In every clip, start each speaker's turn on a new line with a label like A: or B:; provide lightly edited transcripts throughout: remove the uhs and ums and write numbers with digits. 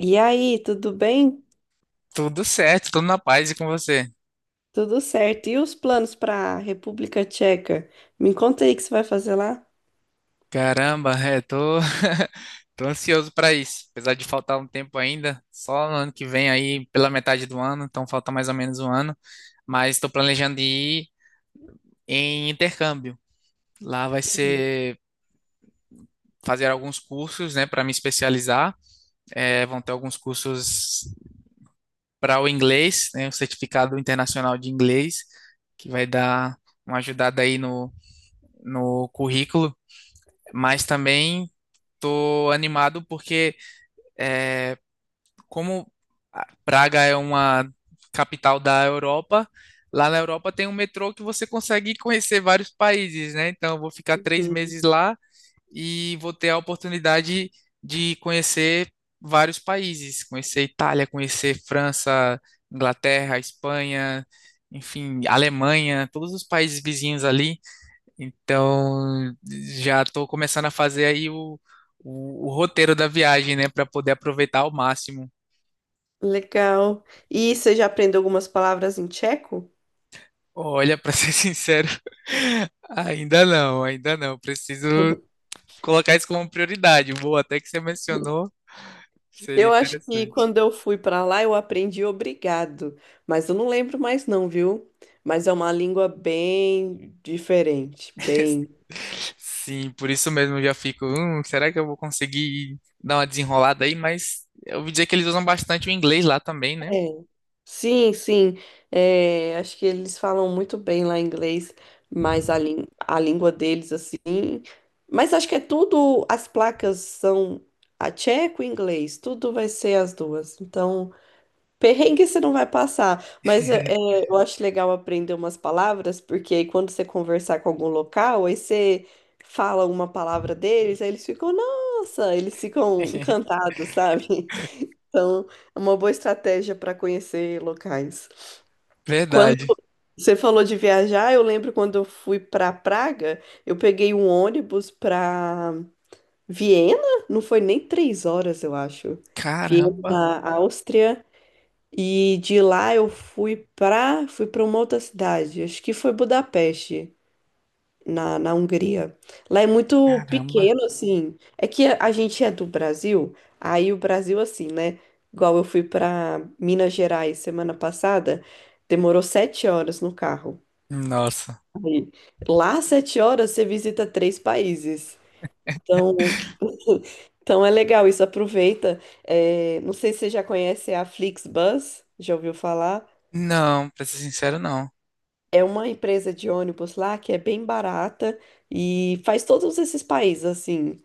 A: E aí, tudo bem?
B: Tudo certo, tudo na paz e com você.
A: Tudo certo. E os planos para a República Tcheca? Me conta aí o que você vai fazer lá.
B: Caramba, tô ansioso para isso. Apesar de faltar um tempo ainda, só no ano que vem aí, pela metade do ano, então falta mais ou menos um ano. Mas estou planejando ir em intercâmbio. Lá vai
A: Uhum.
B: ser fazer alguns cursos, né, para me especializar. É, vão ter alguns cursos para o inglês, né, o certificado internacional de inglês, que vai dar uma ajudada aí no, no currículo. Mas também tô animado porque, como Praga é uma capital da Europa, lá na Europa tem um metrô que você consegue conhecer vários países, né? Então, eu vou ficar três
A: Uhum.
B: meses lá e vou ter a oportunidade de conhecer vários países, conhecer Itália, conhecer França, Inglaterra, Espanha, enfim, Alemanha, todos os países vizinhos ali. Então, já estou começando a fazer o roteiro da viagem, né, para poder aproveitar ao máximo.
A: Legal. E você já aprendeu algumas palavras em tcheco?
B: Olha, para ser sincero, ainda não, ainda não. Preciso colocar isso como prioridade. Boa, até que você mencionou, seria
A: Eu acho que
B: interessante.
A: quando eu fui para lá eu aprendi obrigado, mas eu não lembro mais não, viu? Mas é uma língua bem diferente, bem.
B: Sim, por isso mesmo eu já fico, será que eu vou conseguir dar uma desenrolada aí? Mas eu ouvi dizer que eles usam bastante o inglês lá também, né?
A: É. Sim, sim. É, acho que eles falam muito bem lá inglês, mas a língua deles, assim. Mas acho que é tudo. As placas são a tcheco e inglês, tudo vai ser as duas. Então, perrengue você não vai passar. Mas eu acho legal aprender umas palavras, porque aí quando você conversar com algum local, aí você fala uma palavra deles, aí eles ficam, nossa, eles ficam encantados, sabe? Então, é uma boa estratégia para conhecer locais. Quando
B: Verdade.
A: você falou de viajar, eu lembro quando eu fui para Praga, eu peguei um ônibus para Viena, não foi nem 3 horas, eu acho. Viena,
B: Caramba,
A: na Áustria, e de lá eu fui para uma outra cidade, acho que foi Budapeste na Hungria. Lá é muito
B: caramba.
A: pequeno, assim. É que a gente é do Brasil, aí o Brasil, assim, né? Igual eu fui para Minas Gerais semana passada, demorou 7 horas no carro.
B: Nossa.
A: Aí, lá, 7 horas, você visita três países. Então, então, é legal isso, aproveita. É, não sei se você já conhece a Flixbus, já ouviu falar?
B: Não, pra ser sincero, não.
A: É uma empresa de ônibus lá que é bem barata e faz todos esses países assim.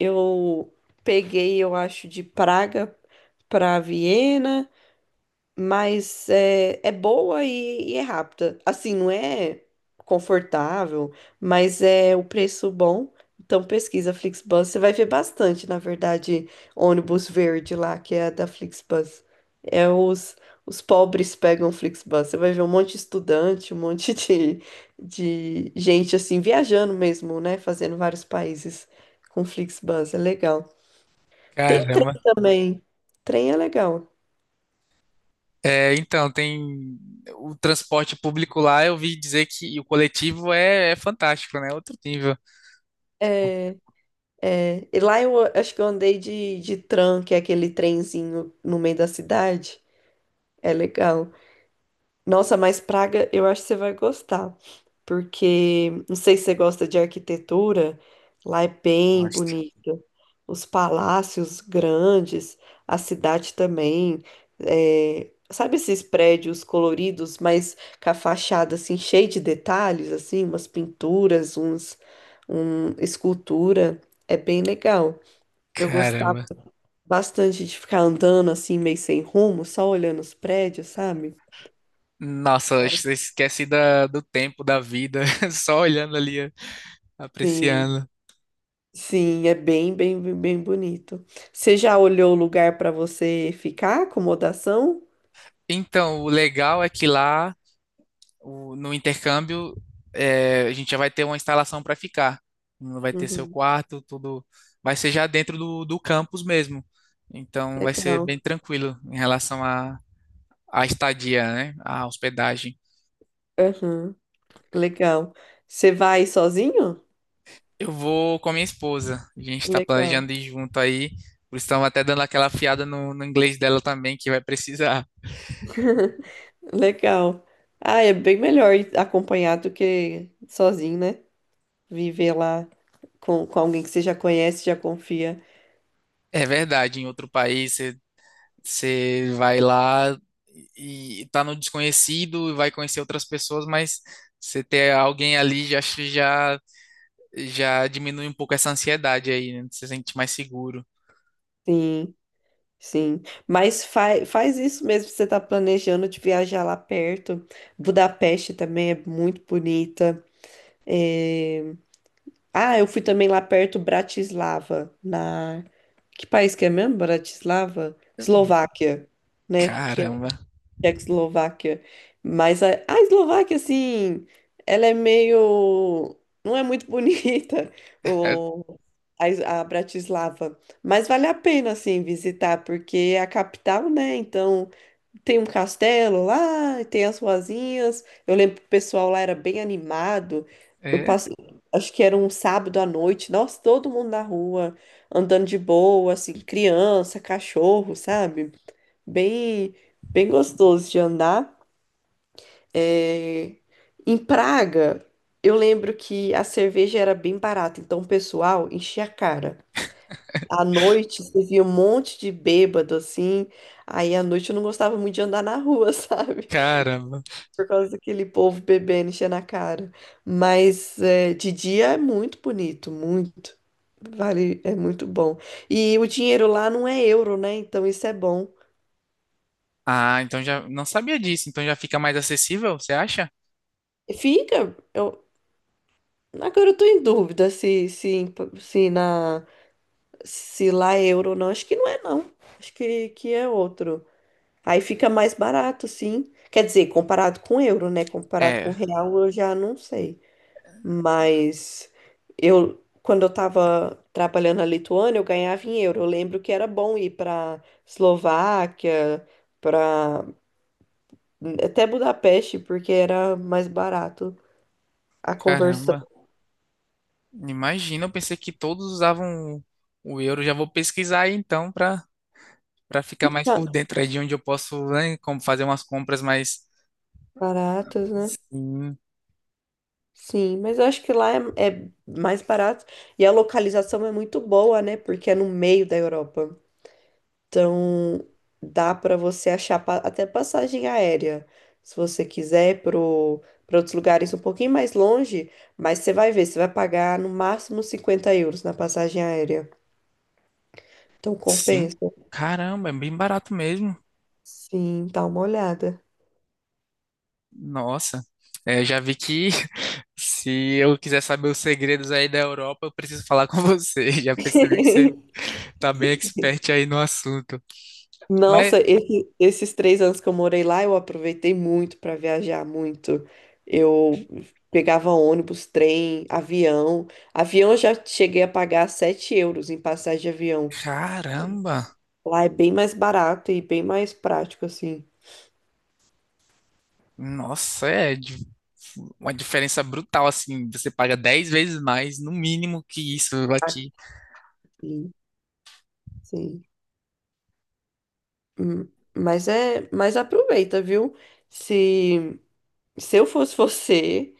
A: Eu peguei, eu acho, de Praga para Viena, mas é boa e é rápida. Assim, não é confortável, mas é o preço bom. Então pesquisa Flixbus, você vai ver bastante, na verdade, ônibus verde lá, que é a da Flixbus. É os pobres pegam Flixbus. Você vai ver um monte de estudante, um monte de gente assim, viajando mesmo, né? Fazendo vários países com Flixbus. É legal. Tem trem
B: Caramba.
A: também. Trem é legal.
B: É, então, tem o transporte público lá, eu vi dizer que e o coletivo é fantástico, né? Outro nível.
A: É, é, e lá eu acho que eu andei de tram, que é aquele trenzinho no meio da cidade. É legal. Nossa, mas Praga eu acho que você vai gostar, porque não sei se você gosta de arquitetura, lá é bem
B: Gosto.
A: bonito. Os palácios grandes, a cidade também. É, sabe esses prédios coloridos, mas com a fachada assim, cheia de detalhes, assim, umas pinturas, escultura. É bem legal. Eu gostava
B: Caramba.
A: bastante de ficar andando assim, meio sem rumo, só olhando os prédios, sabe?
B: Nossa, acho que você esquece do tempo, da vida, só olhando ali,
A: Sim,
B: apreciando.
A: sim, é bem, bem, bem bem bonito. Você já olhou o lugar para você ficar, acomodação?
B: Então, o legal é que lá no intercâmbio, a gente já vai ter uma instalação para ficar. Não vai ter seu
A: Uhum.
B: quarto, tudo vai ser já dentro do campus mesmo. Então vai ser bem
A: Legal.
B: tranquilo em relação à estadia, né? À hospedagem.
A: Uhum. Legal. Você vai sozinho?
B: Eu vou com a minha esposa. A gente está
A: Legal.
B: planejando ir junto aí. Por isso estamos até dando aquela afiada no inglês dela também, que vai precisar.
A: Legal. Ah, é bem melhor ir acompanhado do que sozinho, né? Viver lá com alguém que você já conhece, já confia.
B: É verdade, em outro país você vai lá e tá no desconhecido e vai conhecer outras pessoas, mas você ter alguém ali já acho já já diminui um pouco essa ansiedade aí, né? Você se sente mais seguro.
A: Sim. Sim, mas fa faz isso mesmo se você está planejando de viajar lá perto. Budapeste também é muito bonita. É. Ah, eu fui também lá perto, Bratislava, na... Que país que é mesmo? Bratislava? Eslováquia, né? Que
B: Caramba.
A: Tchecoslováquia. Mas a Eslováquia, assim, ela é meio. Não é muito bonita,
B: É,
A: o, a Bratislava. Mas vale a pena, assim, visitar, porque é a capital, né? Então, tem um castelo lá, tem as ruazinhas. Eu lembro que o pessoal lá era bem animado. Eu
B: é,
A: passei. Acho que era um sábado à noite, nossa, todo mundo na rua, andando de boa, assim, criança, cachorro, sabe? Bem, bem gostoso de andar. É, em Praga, eu lembro que a cerveja era bem barata, então o pessoal enchia a cara. À noite, você via um monte de bêbado assim. Aí à noite eu não gostava muito de andar na rua, sabe?
B: caramba.
A: Por causa daquele povo bebendo, enchendo a cara. Mas é, de dia é muito bonito, muito. Vale, é muito bom. E o dinheiro lá não é euro, né? Então isso é bom.
B: Ah, então já não sabia disso, então já fica mais acessível, você acha?
A: Fica. Agora eu tô em dúvida se, na, se lá é euro ou não. Acho que não é, não. Acho que é outro. Aí fica mais barato, sim. Quer dizer, comparado com euro, né? Comparado
B: É,
A: com real, eu já não sei. Mas eu, quando eu tava trabalhando na Lituânia, eu ganhava em euro. Eu lembro que era bom ir pra Eslováquia, pra até Budapeste, porque era mais barato. A conversão
B: caramba. Imagina, eu pensei que todos usavam o euro. Já vou pesquisar aí então para ficar mais
A: tá
B: por dentro aí de onde eu posso, né, como fazer umas compras mais.
A: baratas, né?
B: Sim,
A: Sim, mas eu acho que lá é mais barato e a localização é muito boa, né? Porque é no meio da Europa. Então dá para você achar até passagem aérea, se você quiser, para outros lugares um pouquinho mais longe, mas você vai ver, você vai pagar no máximo 50 euros na passagem aérea. Então
B: sim.
A: compensa.
B: Caramba, é bem barato mesmo.
A: Sim, dá uma olhada.
B: Nossa. É, já vi que se eu quiser saber os segredos aí da Europa, eu preciso falar com você. Já percebi que você tá bem expert aí no assunto. Mas,
A: Nossa, esses 3 anos que eu morei lá, eu aproveitei muito para viajar muito. Eu pegava ônibus, trem, avião. Avião eu já cheguei a pagar 7 euros em passagem de avião.
B: caramba,
A: Lá é bem mais barato e bem mais prático, assim.
B: nossa, uma diferença brutal, assim. Você paga 10 vezes mais, no mínimo, que isso aqui.
A: Aqui, sim. Hum, Mas é, mas aproveita, viu? Se, se eu fosse você.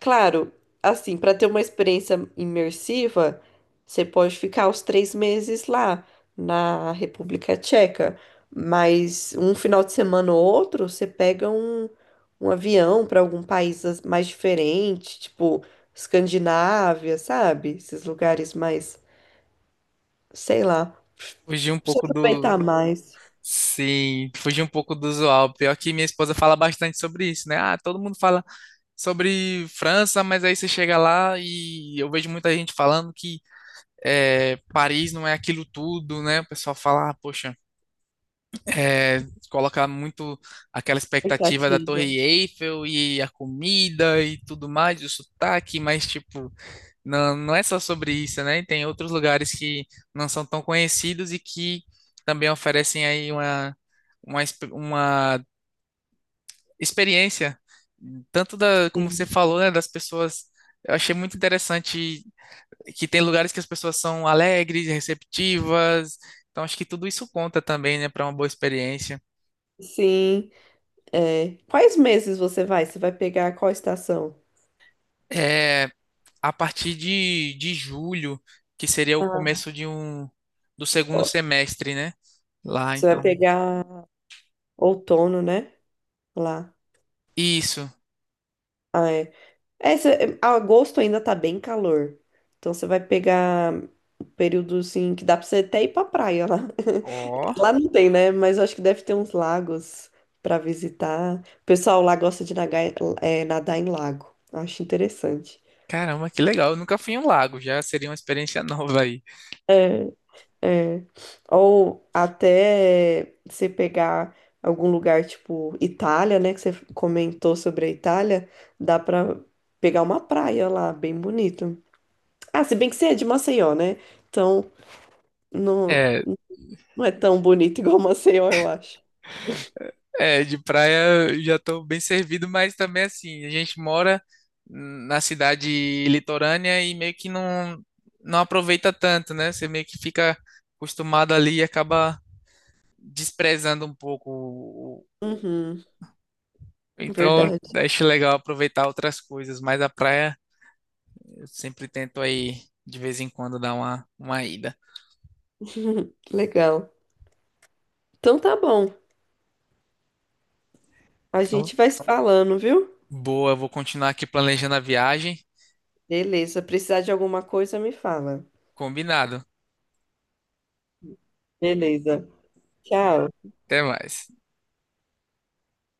A: Claro, assim, para ter uma experiência imersiva, você pode ficar os 3 meses lá na República Tcheca, mas um final de semana ou outro, você pega um avião para algum país mais diferente, tipo Escandinávia, sabe? Esses lugares mais, sei lá, pra
B: Fugir um
A: você
B: pouco do.
A: aproveitar mais.
B: Sim, fugir um pouco do usual. Pior que minha esposa fala bastante sobre isso, né? Ah, todo mundo fala sobre França, mas aí você chega lá e eu vejo muita gente falando que é, Paris não é aquilo tudo, né? O pessoal fala, ah, poxa, é, coloca muito aquela expectativa da
A: Expectativa.
B: Torre Eiffel e a comida e tudo mais, o sotaque, mas tipo, não, não é só sobre isso, né? Tem outros lugares que não são tão conhecidos e que também oferecem aí uma, exp- uma experiência, tanto da, como você
A: Sim,
B: falou, né, das pessoas. Eu achei muito interessante que tem lugares que as pessoas são alegres, receptivas. Então acho que tudo isso conta também, né, para uma boa experiência.
A: sim, é. Quais meses você vai? Você vai pegar qual estação?
B: É, a partir de julho, que seria o começo de um do segundo
A: Ó.
B: semestre, né? Lá,
A: Você vai
B: então.
A: pegar outono, né? Lá.
B: Isso.
A: Ah, é. É, agosto ainda tá bem calor. Então você vai pegar período assim que dá pra você até ir pra praia lá.
B: Ó,
A: Lá não tem, né? Mas eu acho que deve ter uns lagos pra visitar. O pessoal lá gosta de nadar em lago. Eu acho interessante.
B: caramba, que legal. Eu nunca fui em um lago, já seria uma experiência nova aí.
A: É, é. Ou até você pegar algum lugar tipo Itália, né? Que você comentou sobre a Itália, dá pra pegar uma praia lá, bem bonito. Ah, se bem que você é de Maceió, né? Então, não,
B: É,
A: não é tão bonito igual Maceió, eu acho.
B: É, de praia eu já estou bem servido, mas também assim, a gente mora na cidade litorânea e meio que não, não aproveita tanto, né? Você meio que fica acostumado ali e acaba desprezando um pouco.
A: Uhum,
B: Então,
A: verdade.
B: acho legal aproveitar outras coisas, mas a praia eu sempre tento aí de vez em quando dar uma ida.
A: Legal. Então tá bom. A
B: Então,
A: gente vai se falando, viu?
B: boa, eu vou continuar aqui planejando a viagem.
A: Beleza. Precisar de alguma coisa, me fala.
B: Combinado.
A: Beleza. Tchau.
B: Até mais.